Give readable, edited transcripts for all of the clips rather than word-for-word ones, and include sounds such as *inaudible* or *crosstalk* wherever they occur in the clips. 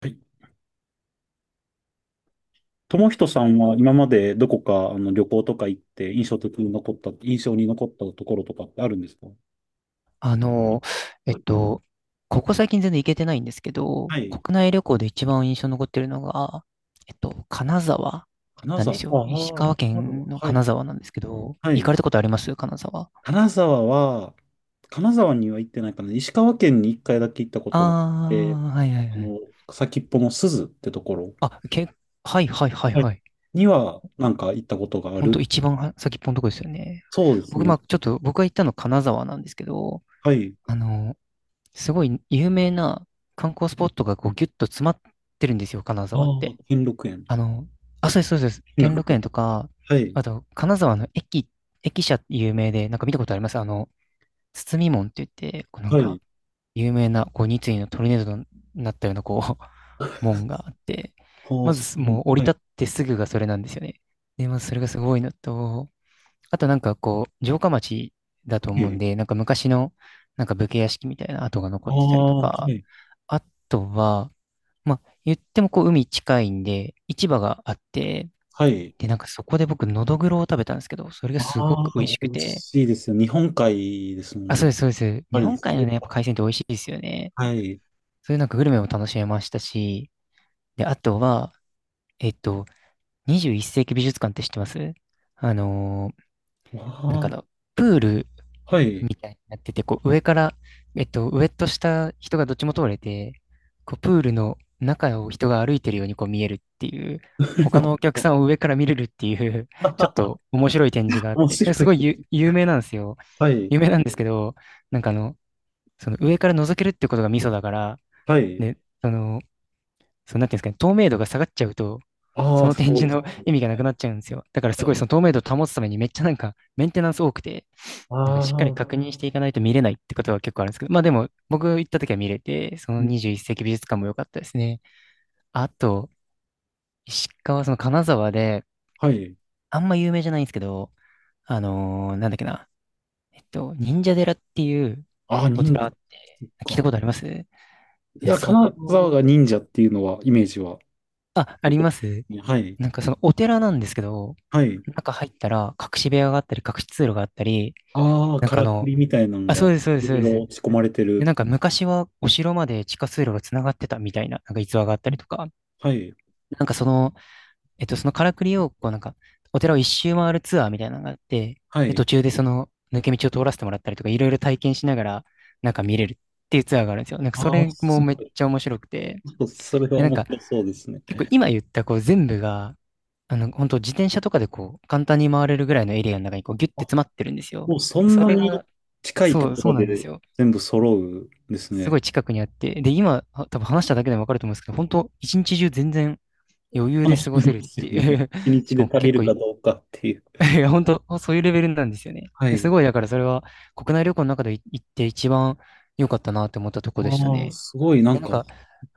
はい。友人さんは今までどこか旅行とか行って印象に残ったところとかってあるんですか？あの、えっと、ここ最近全然行けてないんですけど、はい。国内旅行で一番印象に残ってるのが、金沢金なんで沢。すよ。石ああ、川金県沢。のは金い。沢なんですけど、は行かれい。たことあります金沢。金沢は、金沢には行ってないかな。石川県に一回だけ行ったことがあって、あー、はいはいあはい。の、先っぽの鈴ってところ、あ、け、はいはいはいはい。はい。にはなんか行ったことがあほんる。と一番は先っぽのとこですよね。そうです僕、まね。あちょっと、僕が行ったの金沢なんですけど、はい。あの、すごい有名な観光スポットがこうギュッと詰まってるんですよ、金あ沢って。あ、兼六園。あの、あ、そうです、そうです。兼六兼六園。園とか、はい。あと、金沢の駅、駅舎って有名で、なんか見たことありますあの、包み門って言って、こうなんはか、い。有名な、こう、二井のトルネードになったような、こう、*laughs* あ門があって、あ、まそず、う。もう降りはい。立ってすぐがそれなんですよね。で、まずそれがすごいのと、あとなんかこう、城下町だと思うんで、なんか昔の、なんか武家屋敷みたいな跡が残あってたりとあ、はか、い。あとは、まあ、言ってもこう海近いんで、市場があって、はい。で、なんかそこで僕、のどぐろを食べたんですけど、それがすごああ、く美味し美く味て。しいですよ。日本海ですもあ、んそね。うでやっす、そうです。ぱ日り、本そ海のれね、やっぱは。海鮮って美味しいですよね。はい。そういうなんかグルメも楽しめましたし、で、あとは、えっと、21世紀美術館って知ってますあのーなんあかあの、プールあ、はい。みたいになってて、こう上から、上と下、人がどっちも通れて、こうプールの中を人が歩いてるようにこう見えるっていう、他のお客 *laughs* さんを上から見れるっていう *laughs* ちょっと面白い展示があっ面て、白すごいい。ゆ有名なんですよ。はい。有名なんですけど、なんかあの、その上から覗けるってことがミソだから、はい。ね、その、そのなんていうんですかね、透明度が下がっちゃうと、あそあ、のそ展う示です。の *laughs* 意味がなはくい。なっちゃうんですよ。だからすはごいそい。の透明度を保つためにめっちゃなんかメンテナンス多くて、なんかあしっかりあ、確認していかないと見れないってことは結構あるんですけど、まあでも僕行った時は見れて、そうのん。21世紀美術館も良かったですね。あと、石川、その金沢で、はい。あんま有名じゃないんですけど、あのーなんだっけな、えっと、忍者寺っていうああ、お忍寺者。ってそっ聞いたか。ことありますないんかや、そ金こ、沢が忍者っていうのは、イメージは。あ、ありますはい。なんかそのお寺なんですけど、はい。中入ったら隠し部屋があったり、隠し通路があったり、ああ、なんかかあらくの、りみたいなのあ、そが、うです、そうです、いそろうでいす。ろ仕込まれてる。で、なんか昔はお城まで地下通路が繋がってたみたいな、なんか逸話があったりとか、はい。なんかその、そのからくりを、こうなんか、お寺を一周回るツアーみたいなのがあって、はで、い。途中でその抜け道を通らせてもらったりとか、いろいろ体験しながら、なんか見れるっていうツアーがあるんですよ。なんかあそあ、れもめっちゃ面白くて、*laughs* それはで、なん面か白そうですね。結構今言ったこう全部が、本当自転車とかでこう、簡単に回れるぐらいのエリアの中にこう、ギュッてあ、詰まってるんですよ。もうそんそなれにが、近いとそう、こそろうなんですでよ。全部揃うんですすごね。い近くにあって、で、今、は多分話しただけでもわかると思うんですけど、本当一日中全然余裕で楽し過ごみせるでっすてよいね。う 一 *laughs* し日かでも足り結る構かい、どうかっていう。*laughs* いや、本当そういうレベルなんですよね。はですい。ごい、だからそれは国内旅行の中で行って一番良かったなって思ったとこでしたああ、ね。いすごい、なや、んなんか、か、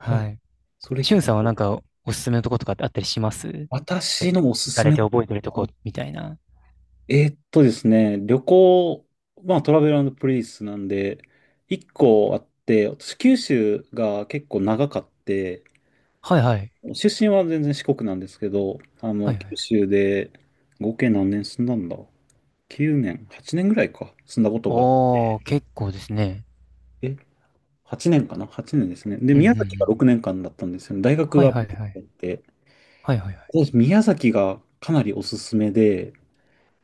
はい。い。それしゅ聞んくさんはなと。んかおすすめのとことかってあったりしますなんか私のおす行かすれめ。て覚えてるあとこみたいな。えーっとですね、旅行、まあトラベルプリンスなんで、一個あって、私九州が結構長かって、はいはい。出身は全然四国なんですけど、はいは九い。州で合計何年住んだんだ？ 9 年、8年ぐらいか、住んだことがあっおー、結構ですね。て、8 年かな？ 8 年ですね。で、うんうん宮う崎がん。6年間だったんですよね。大学はがいあはいはい。って、はいはいはい。私宮崎がかなりおすすめで、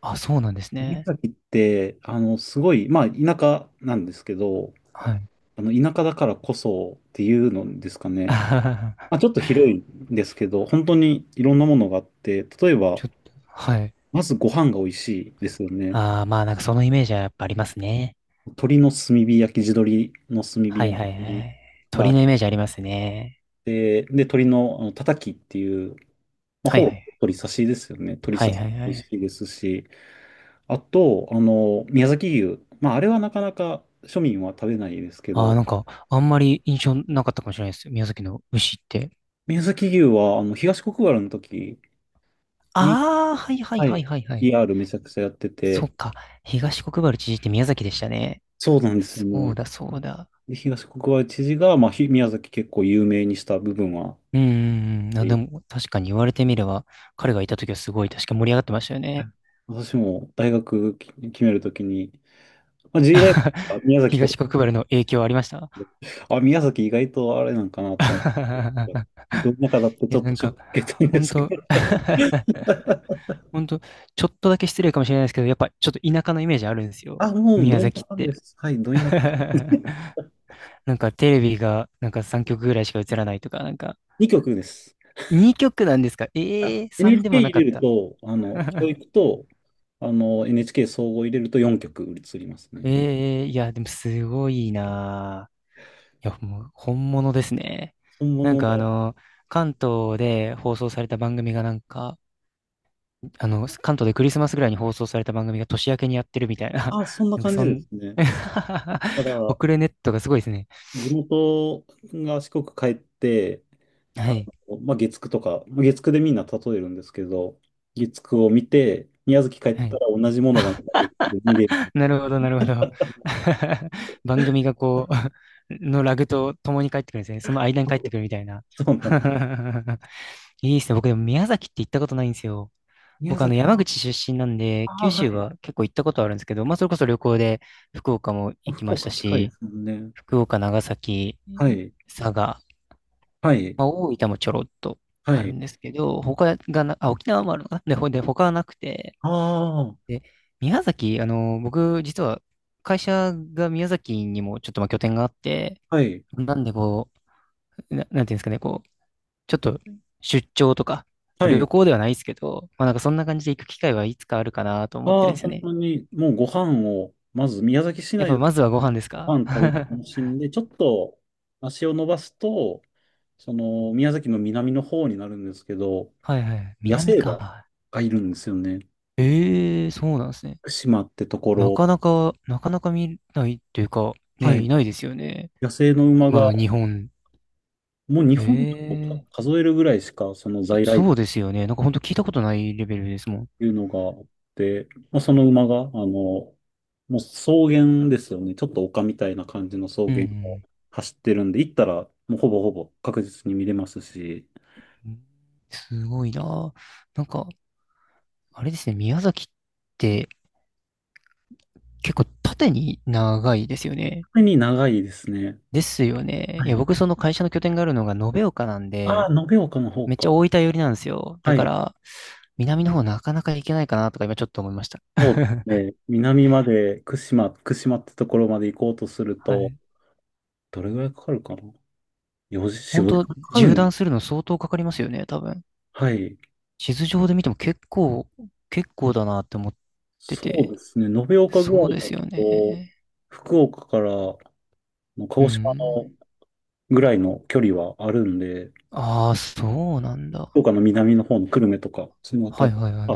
あ、そうなんです宮ね。崎って、すごい、まあ、田舎なんですけど、はい。田舎だからこそっていうのですかね。あまあ、ちー ょっと広いんですけど、本当にいろんなものがあって、例え *laughs* ば、ちょっと、はい。まずご飯が美味しいですよね。ああ、まあなんかそのイメージはやっぱありますね。鶏の炭火焼き、地鶏の炭火はい焼はいはきい。があ鳥っのて、イメージありますね。で、鶏の、たたきっていう、まあ、はいはほぼい。鶏刺しですよね。鶏はい刺しはいは美味い。しいですし、あと、宮崎牛。まあ、あれはなかなか庶民は食べないですけああ、ど、なんかあんまり印象なかったかもしれないです。宮崎の牛って。宮崎牛は、東国原の時に、ああ、はいはいははいい。はいはい。PR めちゃくちゃやってそて、っか。東国原知事って宮崎でしたね。そうなんですよそうね。だそうだ。で東国原知事が、まあ、宮崎結構有名にした部分は、うんうんうん。あ、えでーも確かに言われてみれば、彼がいた時はすごい確か盛り上がってましたよはね。い。私も大学決めるときに、まあ、G 大学 *laughs* は宮崎とか、東国原の影響ありました あ、宮崎意外とあれなんかなと思って、*laughs* ど田舎だっていちや、ょっなとんショッか、ク受けたんほでんすけと、ど、*laughs* ほんと、ちょっとだけ失礼かもしれないですけど、やっぱちょっと田舎のイメージあるんですよ。あ、もう宮ど田崎っ舎でて。す。はい、ど田舎。*laughs* *laughs* なんかテレビが、なんか3曲ぐらいしか映らないとか、なんか、2曲です。2曲なんですかあ ええー、3で NHK もな入かれっるた。と、教 *laughs* 育と、NHK 総合入れると4曲移りますね。ええー、いや、でもすごいなぁ。いや、もう本物ですね。本なん物かあの、の、関東で放送された番組がなんか、あの、関東でクリスマスぐらいに放送された番組が年明けにやってるみたいな、あ、そん *laughs* ななんか感じそでん、すね。だか *laughs* ら、遅れネットがすごいですね。地元が四国帰って、あはい。まあ、月9とか、月9でみんな例えるんですけど、月9を見て、宮崎帰っはたい。ら同じものがまた月9で見れる。なるほど、なるほど。*laughs* 番組がこう、*laughs* のラグと共に帰ってくるんですね。その間に帰って *laughs* くるみたいな。そうなんです。*laughs* いいですね。僕でも宮崎って行ったことないんですよ。宮僕あの崎、山あ口出身なんで、九あ、は州い。は結構行ったことあるんですけど、まあそれこそ旅行で福岡も行き福ました岡でかいでし、すもんね。福岡、長崎、はい。佐賀、はい。まあ、大分もちょろっとはあるい。んですけど、他がな、あ、沖縄もあるのかな *laughs* で、ほで、他はなくて、ああ、で、宮崎、あの、僕、実は会社が宮崎にもちょっとまあ拠点があって、はい。なんでこう、なんていうんですかね、こう、ちょっと出張とか、は旅い。行ではないですけど、まあなんかそんな感じで行く機会はいつかあるかなと思ってあるんあ、ですよ本ね。当に、もうご飯を、まず宮崎市やっぱ内でまずはご飯ですごか *laughs* 飯食べては楽しんで、ちょっと足を伸ばすと、その、宮崎の南の方になるんですけど、いはい。野南生馬か。がいるんですよね。ええそうなんですね。島ってとこなろ、かなか、なかなか見ないっていうか、はね、い、いないですよね。野生の馬今が、の日本。もう日本をええ数えるぐらいしか、その在来そ種うっですよね。なんか本当聞いたことないレベルですもん。ていうのがあって、まあ、その馬が、もう草原ですよね。ちょっと丘みたいな感じの草う原をん、走ってるんで、行ったら、もうほぼほぼ確実に見れますし、うん。すごいな。なんか、あれですね、宮崎って結構縦に長いですよね。特に長いですね。ですよね。はいや、い。僕その会社の拠点があるのが延岡なんああ、で、延岡の方めっちか。ゃ大分寄りなんですよ。だはかい。ら、南の方なかなか行けないかなとか今ちょっと思いました。そうです *laughs* ね。南まで、串間ってところまで行こうとするはと、い。どれぐらいかかるかな？ 4 時、4、本5当時間かかる縦ん。断するの相当かかりますよね、多分。はい。地図上で見ても結構、結構だなって思っててそうて、ですね。延岡ぐらそういでだすよと、ね。福岡からの鹿う児島ん。のぐらいの距離はあるんで、ああ、そうなんだ。福岡の南の方の久留米とか、そのあたはいり、はいはい。あ、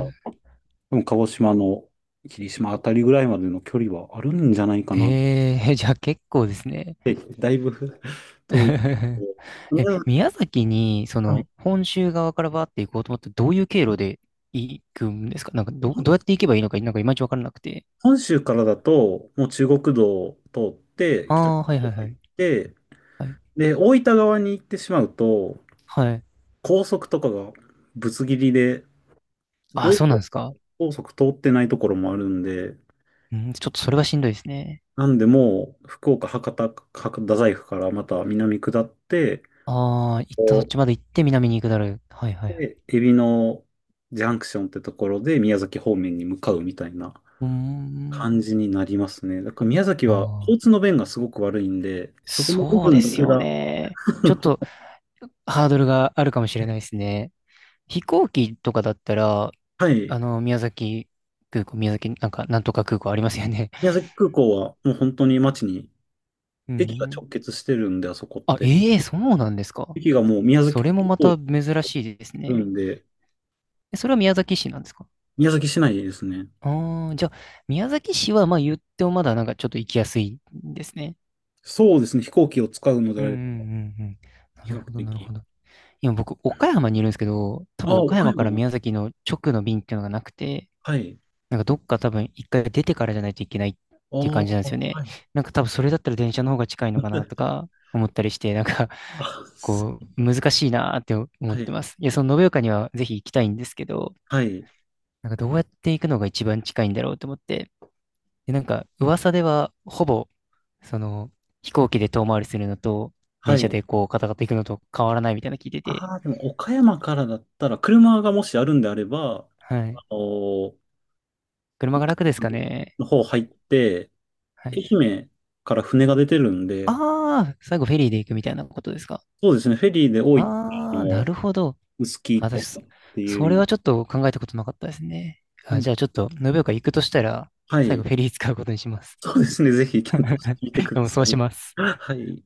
でも鹿児島の霧島あたりぐらいまでの距離はあるんじゃないかなっえー、*laughs* じゃあ結構ですね。て、だいぶ *laughs* 遠い。*laughs* え、うん。宮崎に、そはい。の、本州側からバーって行こうと思って、どういう経路で行くんですかなんか、どうやっ本て行けばいいのか、なんかいまいちわからなくて。本州からだと、もう中国道を通って、あ北あ、九は州いはいは入っい。て、はい。で、大分側に行ってしまうと、はい。高速とかがぶつ切りで、ああ、高そうな速んですか。高速通ってないところもあるんで、うん、ちょっとそれはしんどいですね。なんでもう、福岡、博多大学からまた南下って、ああ、行ったそこっう、ちまで行って南に行くだろう。はいはいはい。で、海老のジャンクションってところで宮崎方面に向かうみたいなうーん。感じになりますね。だから宮崎あは交通あ。の便がすごく悪いんで、そこの部そうで分だすけよが、ね。ちょっと *laughs* ハードルがあるかもしれないですね。飛行機とかだったら、はい。あの、宮崎空港、宮崎、なんか、なんとか空港ありますよね。宮 *laughs* 崎空港はもう本当に街に、う駅がん。直結してるんで、あそこっあ、て。ええそうなんですか。駅がもう宮そ崎れ空もま港にた珍しいですあね。るんで、えそれは宮崎市なんですか宮崎市内ですね。ああー、じゃあ、宮崎市は、まあ言ってもまだなんかちょっと行きやすいんですね。そうですね。飛行機を使うのでうあんうれば、んうんうん。な比る較ほど、なる的。ほど。今僕、岡山にいるんですけど、多あ分あ、岡岡山か山らも。宮崎の直の便っていうのがなくて、はい。なんかどっか多分一回出てからじゃないといけないっあていう感じなんあ、ですよはね。い。なんか多分それだったら電車の方が近いのかなとか思ったりして、なんか あ、*laughs* すこう難しいなーって思っはてい。ます。いや、その延岡にはぜひ行きたいんですけど、はい。なんかどうやって行くのが一番近いんだろうと思って。で、なんか噂ではほぼその飛行機で遠回りするのとは電車い。でこうカタカタ行くのと変わらないみたいなの聞いてて。ああ、でも岡山からだったら、車がもしあるんであれば、はい。あのー車が楽ですかね。の方入って、はい。愛媛から船が出てるんで、ああ、最後フェリーで行くみたいなことですか。そうですね。フェリーで多い、ああー、なの、るほど。臼あ杵私、とかってそいれう。はちょっと考えたことなかったですね。はあ、い。じゃあちょっと、延岡行くとしたら、は最後い。フェリー使うことにします。そうですね。ぜひ検討してみて *laughs* くでだもそさうしい。ます。はい。